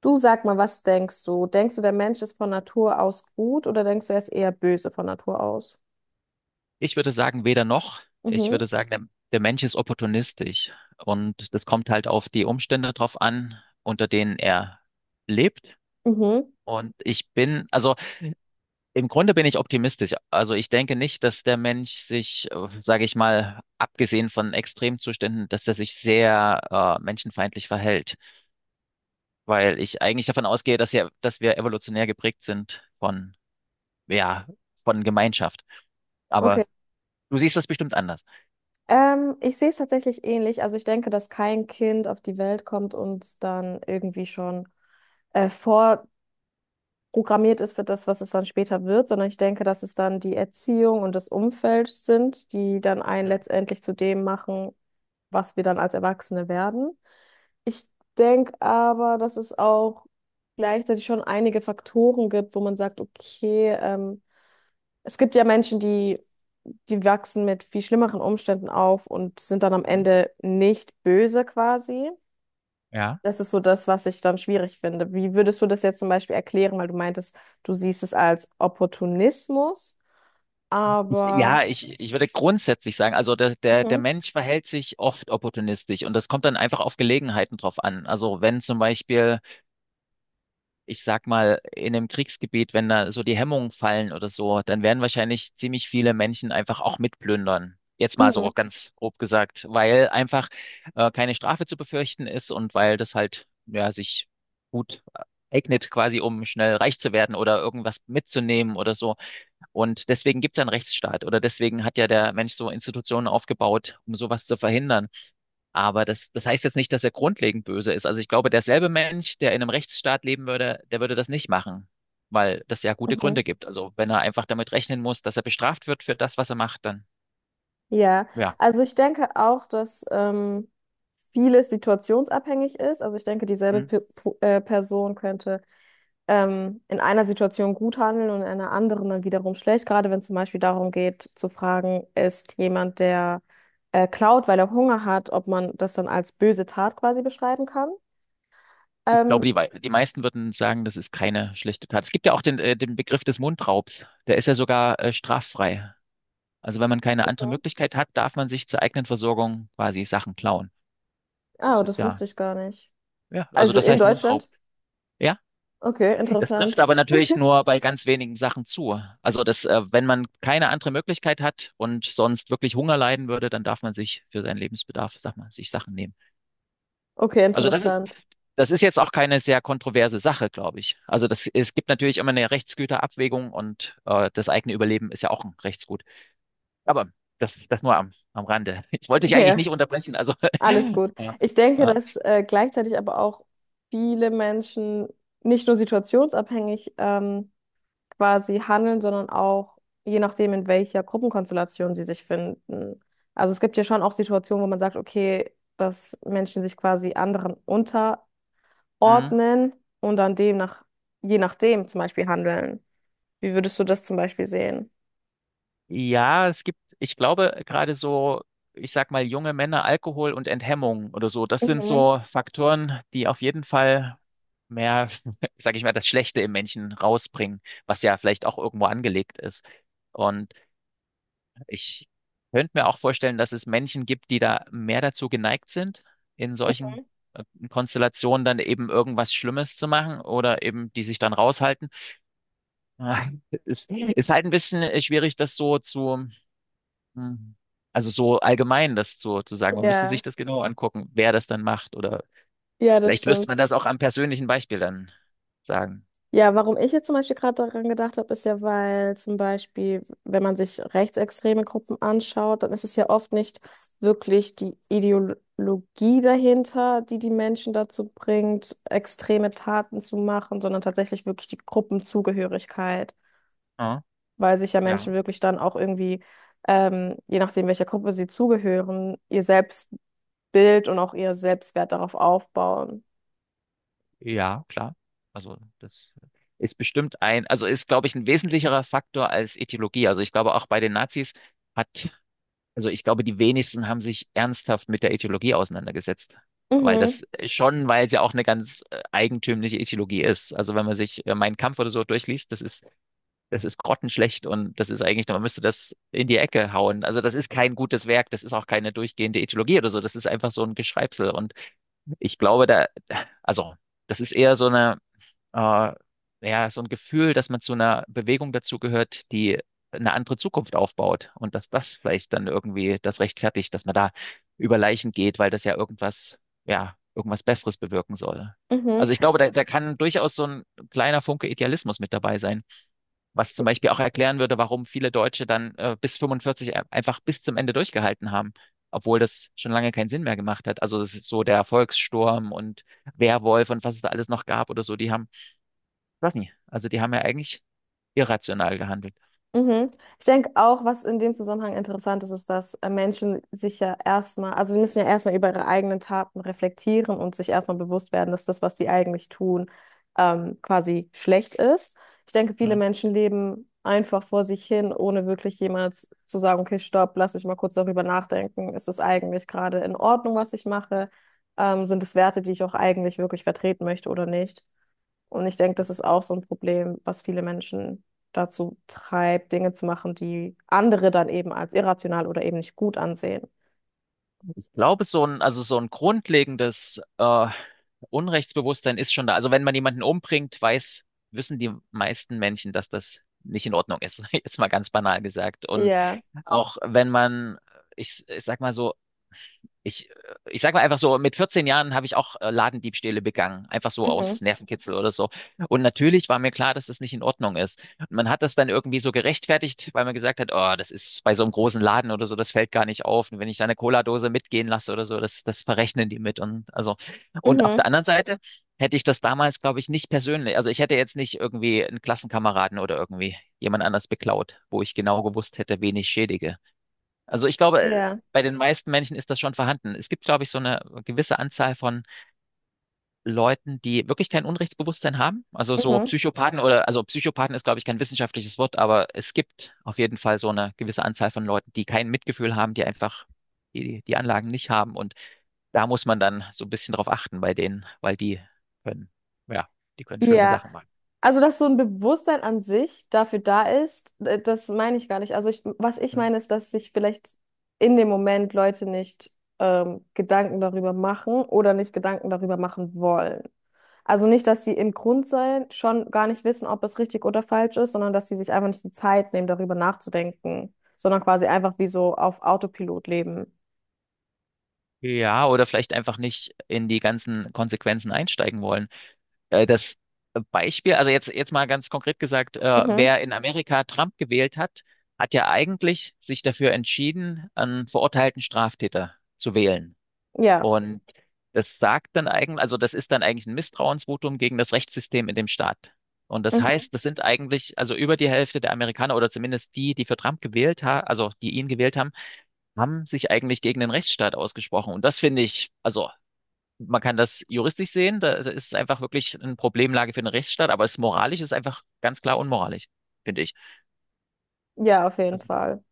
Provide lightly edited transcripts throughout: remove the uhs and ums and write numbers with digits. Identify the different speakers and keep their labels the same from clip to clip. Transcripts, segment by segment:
Speaker 1: Du sag mal, was denkst du? Denkst du, der Mensch ist von Natur aus gut oder denkst du, er ist eher böse von Natur aus?
Speaker 2: Ich würde sagen, weder noch. Ich
Speaker 1: Mhm,
Speaker 2: würde sagen, der Mensch ist opportunistisch und das kommt halt auf die Umstände drauf an, unter denen er lebt.
Speaker 1: mhm,
Speaker 2: Und ich bin, also im Grunde bin ich optimistisch. Also ich denke nicht, dass der Mensch sich, sage ich mal, abgesehen von Extremzuständen, dass er sich sehr menschenfeindlich verhält, weil ich eigentlich davon ausgehe, dass wir evolutionär geprägt sind ja, von Gemeinschaft.
Speaker 1: okay.
Speaker 2: Aber du siehst das bestimmt anders.
Speaker 1: Ich sehe es tatsächlich ähnlich. Also ich denke, dass kein Kind auf die Welt kommt und dann irgendwie schon vorprogrammiert ist für das, was es dann später wird, sondern ich denke, dass es dann die Erziehung und das Umfeld sind, die dann einen letztendlich zu dem machen, was wir dann als Erwachsene werden. Ich denke aber, dass es auch gleichzeitig schon einige Faktoren gibt, wo man sagt, okay, es gibt ja Menschen, die wachsen mit viel schlimmeren Umständen auf und sind dann am
Speaker 2: Mhm.
Speaker 1: Ende nicht böse quasi. Das ist so das, was ich dann schwierig finde. Wie würdest du das jetzt zum Beispiel erklären, weil du meintest, du siehst es als Opportunismus,
Speaker 2: Ich,
Speaker 1: aber
Speaker 2: ja, ich, ich würde grundsätzlich sagen, also der
Speaker 1: mhm,
Speaker 2: Mensch verhält sich oft opportunistisch und das kommt dann einfach auf Gelegenheiten drauf an. Also wenn zum Beispiel, ich sag mal, in einem Kriegsgebiet, wenn da so die Hemmungen fallen oder so, dann werden wahrscheinlich ziemlich viele Menschen einfach auch mitplündern. Jetzt mal
Speaker 1: mhm,
Speaker 2: so ganz grob gesagt, weil einfach keine Strafe zu befürchten ist und weil das halt, ja, sich gut eignet quasi, um schnell reich zu werden oder irgendwas mitzunehmen oder so. Und deswegen gibt es ja einen Rechtsstaat oder deswegen hat ja der Mensch so Institutionen aufgebaut, um sowas zu verhindern. Aber das heißt jetzt nicht, dass er grundlegend böse ist. Also ich glaube, derselbe Mensch, der in einem Rechtsstaat leben würde, der würde das nicht machen, weil das ja gute
Speaker 1: mhm.
Speaker 2: Gründe gibt. Also wenn er einfach damit rechnen muss, dass er bestraft wird für das, was er macht, dann
Speaker 1: Ja,
Speaker 2: ja.
Speaker 1: also ich denke auch, dass vieles situationsabhängig ist. Also ich denke, dieselbe
Speaker 2: Hm.
Speaker 1: Person könnte in einer Situation gut handeln und in einer anderen dann wiederum schlecht. Gerade wenn es zum Beispiel darum geht, zu fragen, ist jemand, der klaut, weil er Hunger hat, ob man das dann als böse Tat quasi beschreiben kann.
Speaker 2: Ich glaube,
Speaker 1: Ähm,
Speaker 2: die meisten würden sagen, das ist keine schlechte Tat. Es gibt ja auch den Begriff des Mundraubs. Der ist ja sogar straffrei. Also wenn man keine andere
Speaker 1: Mhm.
Speaker 2: Möglichkeit hat, darf man sich zur eigenen Versorgung quasi Sachen klauen. Das
Speaker 1: Ah,
Speaker 2: ist
Speaker 1: das wusste
Speaker 2: ja,
Speaker 1: ich gar nicht.
Speaker 2: ja, also
Speaker 1: Also
Speaker 2: das
Speaker 1: in
Speaker 2: heißt Mundraub.
Speaker 1: Deutschland?
Speaker 2: Ja,
Speaker 1: Okay,
Speaker 2: das trifft
Speaker 1: interessant.
Speaker 2: aber natürlich nur bei ganz wenigen Sachen zu. Also wenn man keine andere Möglichkeit hat und sonst wirklich Hunger leiden würde, dann darf man sich für seinen Lebensbedarf, sag mal, sich Sachen nehmen.
Speaker 1: Okay,
Speaker 2: Also
Speaker 1: interessant.
Speaker 2: das ist jetzt auch keine sehr kontroverse Sache, glaube ich. Also das, es gibt natürlich immer eine Rechtsgüterabwägung und das eigene Überleben ist ja auch ein Rechtsgut. Aber das, das nur am, am Rande. Ich wollte dich eigentlich
Speaker 1: Ja.
Speaker 2: nicht unterbrechen, also
Speaker 1: Alles gut.
Speaker 2: ja,
Speaker 1: Ich denke,
Speaker 2: ja.
Speaker 1: dass gleichzeitig aber auch viele Menschen nicht nur situationsabhängig quasi handeln, sondern auch je nachdem, in welcher Gruppenkonstellation sie sich finden. Also es gibt ja schon auch Situationen, wo man sagt, okay, dass Menschen sich quasi anderen
Speaker 2: Mhm.
Speaker 1: unterordnen und dann demnach, je nachdem zum Beispiel handeln. Wie würdest du das zum Beispiel sehen?
Speaker 2: Ja, es gibt, ich glaube, gerade so, ich sag mal, junge Männer, Alkohol und Enthemmung oder so, das sind
Speaker 1: Mhm.
Speaker 2: so Faktoren, die auf jeden Fall mehr, sag ich mal, das Schlechte im Menschen rausbringen, was ja vielleicht auch irgendwo angelegt ist. Und ich könnte mir auch vorstellen, dass es Menschen gibt, die da mehr dazu geneigt sind, in solchen äh, Konstellationen dann eben irgendwas Schlimmes zu machen oder eben die sich dann raushalten. Ah, es ist halt ein bisschen schwierig, das so zu Mhm. Also so allgemein das zu sagen, man müsste
Speaker 1: Ja,
Speaker 2: sich das genau angucken, wer das dann macht oder
Speaker 1: ja, das
Speaker 2: vielleicht müsste
Speaker 1: stimmt.
Speaker 2: man das auch am persönlichen Beispiel dann sagen.
Speaker 1: Ja, warum ich jetzt zum Beispiel gerade daran gedacht habe, ist ja, weil zum Beispiel, wenn man sich rechtsextreme Gruppen anschaut, dann ist es ja oft nicht wirklich die Ideologie dahinter, die die Menschen dazu bringt, extreme Taten zu machen, sondern tatsächlich wirklich die Gruppenzugehörigkeit,
Speaker 2: Ja,
Speaker 1: weil sich ja Menschen
Speaker 2: ja,
Speaker 1: wirklich dann auch irgendwie, je nachdem, welcher Gruppe sie zugehören, ihr Selbstbild und auch ihr Selbstwert darauf aufbauen.
Speaker 2: ja, klar. Also das ist bestimmt ein, also ist, glaube ich, ein wesentlicherer Faktor als Ethologie. Also ich glaube auch bei den Nazis hat, also ich glaube, die wenigsten haben sich ernsthaft mit der Ethologie auseinandergesetzt. Weil
Speaker 1: Mhm,
Speaker 2: das schon, weil es ja auch eine ganz eigentümliche Ethologie ist. Also wenn man sich Mein Kampf oder so durchliest, das ist grottenschlecht und das ist eigentlich, man müsste das in die Ecke hauen. Also das ist kein gutes Werk, das ist auch keine durchgehende Ethologie oder so, das ist einfach so ein Geschreibsel. Und ich glaube, da, also das ist eher äh, ja, so ein Gefühl, dass man zu einer Bewegung dazugehört, die eine andere Zukunft aufbaut und dass das vielleicht dann irgendwie das rechtfertigt, dass man da über Leichen geht, weil das ja irgendwas Besseres bewirken soll.
Speaker 1: mhm.
Speaker 2: Also ich glaube, da kann durchaus so ein kleiner Funke Idealismus mit dabei sein. Was zum Beispiel auch erklären würde, warum viele Deutsche dann bis 45 einfach bis zum Ende durchgehalten haben, obwohl das schon lange keinen Sinn mehr gemacht hat. Also das ist so der Volkssturm und Werwolf und was es da alles noch gab oder so, die haben, ich weiß nicht, also die haben ja eigentlich irrational gehandelt.
Speaker 1: Mhm. Ich denke auch, was in dem Zusammenhang interessant ist, ist, dass Menschen sich ja erstmal, also sie müssen ja erstmal über ihre eigenen Taten reflektieren und sich erstmal bewusst werden, dass das, was sie eigentlich tun, quasi schlecht ist. Ich denke, viele
Speaker 2: Ja.
Speaker 1: Menschen leben einfach vor sich hin, ohne wirklich jemals zu sagen, okay, stopp, lass mich mal kurz darüber nachdenken. Ist es eigentlich gerade in Ordnung, was ich mache? Sind es Werte, die ich auch eigentlich wirklich vertreten möchte oder nicht? Und ich denke, das ist auch so ein Problem, was viele Menschen dazu treibt, Dinge zu machen, die andere dann eben als irrational oder eben nicht gut ansehen.
Speaker 2: Ich glaube, so ein, also so ein grundlegendes Unrechtsbewusstsein ist schon da. Also wenn man jemanden umbringt, wissen die meisten Menschen, dass das nicht in Ordnung ist, jetzt mal ganz banal gesagt. Und
Speaker 1: Ja.
Speaker 2: auch wenn man, ich, ich sag mal so, ich, ich sag mal einfach so, mit 14 Jahren habe ich auch Ladendiebstähle begangen, einfach so
Speaker 1: Mhm.
Speaker 2: aus Nervenkitzel oder so. Und natürlich war mir klar, dass das nicht in Ordnung ist. Und man hat das dann irgendwie so gerechtfertigt, weil man gesagt hat, oh, das ist bei so einem großen Laden oder so, das fällt gar nicht auf. Und wenn ich da eine Cola-Dose mitgehen lasse oder so, das verrechnen die mit. Und also, und auf der
Speaker 1: Mhm.
Speaker 2: anderen Seite hätte ich das damals, glaube ich, nicht persönlich, also ich hätte jetzt nicht irgendwie einen Klassenkameraden oder irgendwie jemand anders beklaut, wo ich genau gewusst hätte, wen ich schädige. Also ich glaube,
Speaker 1: Ja.
Speaker 2: bei den meisten Menschen ist das schon vorhanden. Es gibt, glaube ich, so eine gewisse Anzahl von Leuten, die wirklich kein Unrechtsbewusstsein haben. Also so
Speaker 1: Mhm.
Speaker 2: Psychopathen oder, also Psychopathen ist, glaube ich, kein wissenschaftliches Wort, aber es gibt auf jeden Fall so eine gewisse Anzahl von Leuten, die kein Mitgefühl haben, die einfach die Anlagen nicht haben. Und da muss man dann so ein bisschen drauf achten bei denen, weil die können, ja, die können schlimme
Speaker 1: Ja,
Speaker 2: Sachen machen.
Speaker 1: also dass so ein Bewusstsein an sich dafür da ist, das meine ich gar nicht. Also ich, was ich
Speaker 2: Hm.
Speaker 1: meine ist, dass sich vielleicht in dem Moment Leute nicht Gedanken darüber machen oder nicht Gedanken darüber machen wollen. Also nicht, dass sie im Grundsein schon gar nicht wissen, ob es richtig oder falsch ist, sondern dass sie sich einfach nicht die Zeit nehmen, darüber nachzudenken, sondern quasi einfach wie so auf Autopilot leben.
Speaker 2: Ja, oder vielleicht einfach nicht in die ganzen Konsequenzen einsteigen wollen. Das Beispiel, also jetzt, mal ganz konkret gesagt,
Speaker 1: Mhm.
Speaker 2: wer in Amerika Trump gewählt hat, hat ja eigentlich sich dafür entschieden, einen verurteilten Straftäter zu wählen.
Speaker 1: Ja,
Speaker 2: Und das sagt dann eigentlich, also das ist dann eigentlich ein Misstrauensvotum gegen das Rechtssystem in dem Staat. Und das
Speaker 1: mhm.
Speaker 2: heißt, das sind eigentlich, also über die Hälfte der Amerikaner oder zumindest die, die für Trump gewählt haben, also die ihn gewählt haben, haben sich eigentlich gegen den Rechtsstaat ausgesprochen. Und das finde ich, also man kann das juristisch sehen, da ist es einfach wirklich eine Problemlage für den Rechtsstaat, aber es moralisch ist einfach ganz klar unmoralisch, finde ich.
Speaker 1: Ja, auf jeden
Speaker 2: Also
Speaker 1: Fall.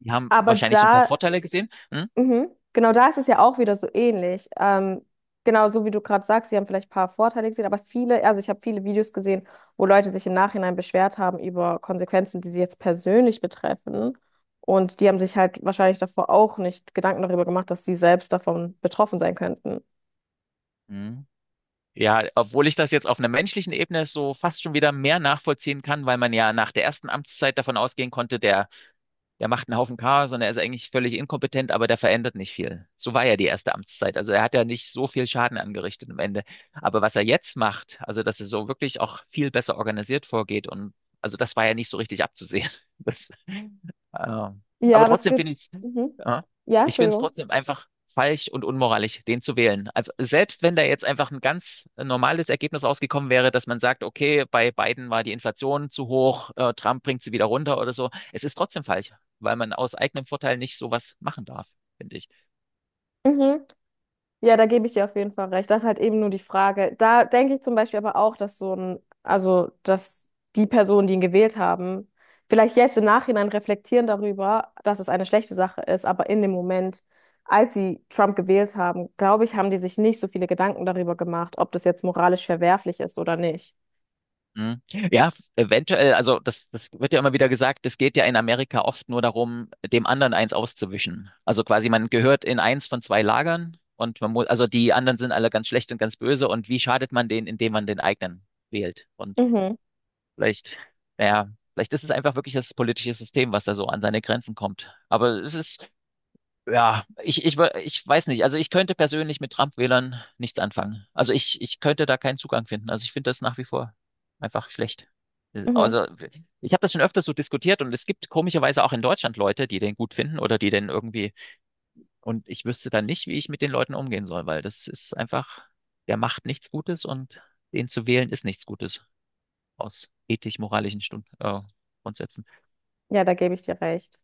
Speaker 2: die haben
Speaker 1: Aber
Speaker 2: wahrscheinlich so ein paar
Speaker 1: da
Speaker 2: Vorteile gesehen. Hm?
Speaker 1: mhm. Genau da ist es ja auch wieder so ähnlich. Genau so wie du gerade sagst, sie haben vielleicht ein paar Vorteile gesehen, aber viele, also ich habe viele Videos gesehen, wo Leute sich im Nachhinein beschwert haben über Konsequenzen, die sie jetzt persönlich betreffen. Und die haben sich halt wahrscheinlich davor auch nicht Gedanken darüber gemacht, dass sie selbst davon betroffen sein könnten.
Speaker 2: Hm. Ja, obwohl ich das jetzt auf einer menschlichen Ebene so fast schon wieder mehr nachvollziehen kann, weil man ja nach der ersten Amtszeit davon ausgehen konnte, der macht einen Haufen Chaos und er ist eigentlich völlig inkompetent, aber der verändert nicht viel. So war ja die erste Amtszeit. Also er hat ja nicht so viel Schaden angerichtet am Ende. Aber was er jetzt macht, also dass er so wirklich auch viel besser organisiert vorgeht und also das war ja nicht so richtig abzusehen. Das, äh,
Speaker 1: Ja,
Speaker 2: aber
Speaker 1: aber es
Speaker 2: trotzdem
Speaker 1: gibt,
Speaker 2: finde ich es,
Speaker 1: mhm.
Speaker 2: ja,
Speaker 1: Ja,
Speaker 2: ich finde es
Speaker 1: Entschuldigung.
Speaker 2: trotzdem einfach falsch und unmoralisch, den zu wählen. Also selbst wenn da jetzt einfach ein ganz normales Ergebnis rausgekommen wäre, dass man sagt, okay, bei Biden war die Inflation zu hoch, Trump bringt sie wieder runter oder so, es ist trotzdem falsch, weil man aus eigenem Vorteil nicht sowas machen darf, finde ich.
Speaker 1: Mhm. Ja, da gebe ich dir auf jeden Fall recht. Das ist halt eben nur die Frage. Da denke ich zum Beispiel aber auch, dass so ein, also dass die Personen, die ihn gewählt haben, vielleicht jetzt im Nachhinein reflektieren darüber, dass es eine schlechte Sache ist, aber in dem Moment, als sie Trump gewählt haben, glaube ich, haben die sich nicht so viele Gedanken darüber gemacht, ob das jetzt moralisch verwerflich ist oder nicht.
Speaker 2: Mhm. Ja, eventuell, also das, das wird ja immer wieder gesagt, es geht ja in Amerika oft nur darum, dem anderen eins auszuwischen. Also quasi, man gehört in eins von zwei Lagern und man muss, also die anderen sind alle ganz schlecht und ganz böse und wie schadet man denen, indem man den eigenen wählt? Und
Speaker 1: Mhm,
Speaker 2: vielleicht, naja, vielleicht ist es einfach wirklich das politische System, was da so an seine Grenzen kommt. Aber es ist, ja, ich weiß nicht. Also ich könnte persönlich mit Trump-Wählern nichts anfangen. Also ich könnte da keinen Zugang finden. Also ich finde das nach wie vor einfach schlecht.
Speaker 1: mhm.
Speaker 2: Also ich habe das schon öfters so diskutiert und es gibt komischerweise auch in Deutschland Leute, die den gut finden oder die den irgendwie. Und ich wüsste dann nicht, wie ich mit den Leuten umgehen soll, weil das ist einfach, der macht nichts Gutes und den zu wählen ist nichts Gutes aus ethisch-moralischen Stund Grundsätzen.
Speaker 1: Ja, da gebe ich dir recht.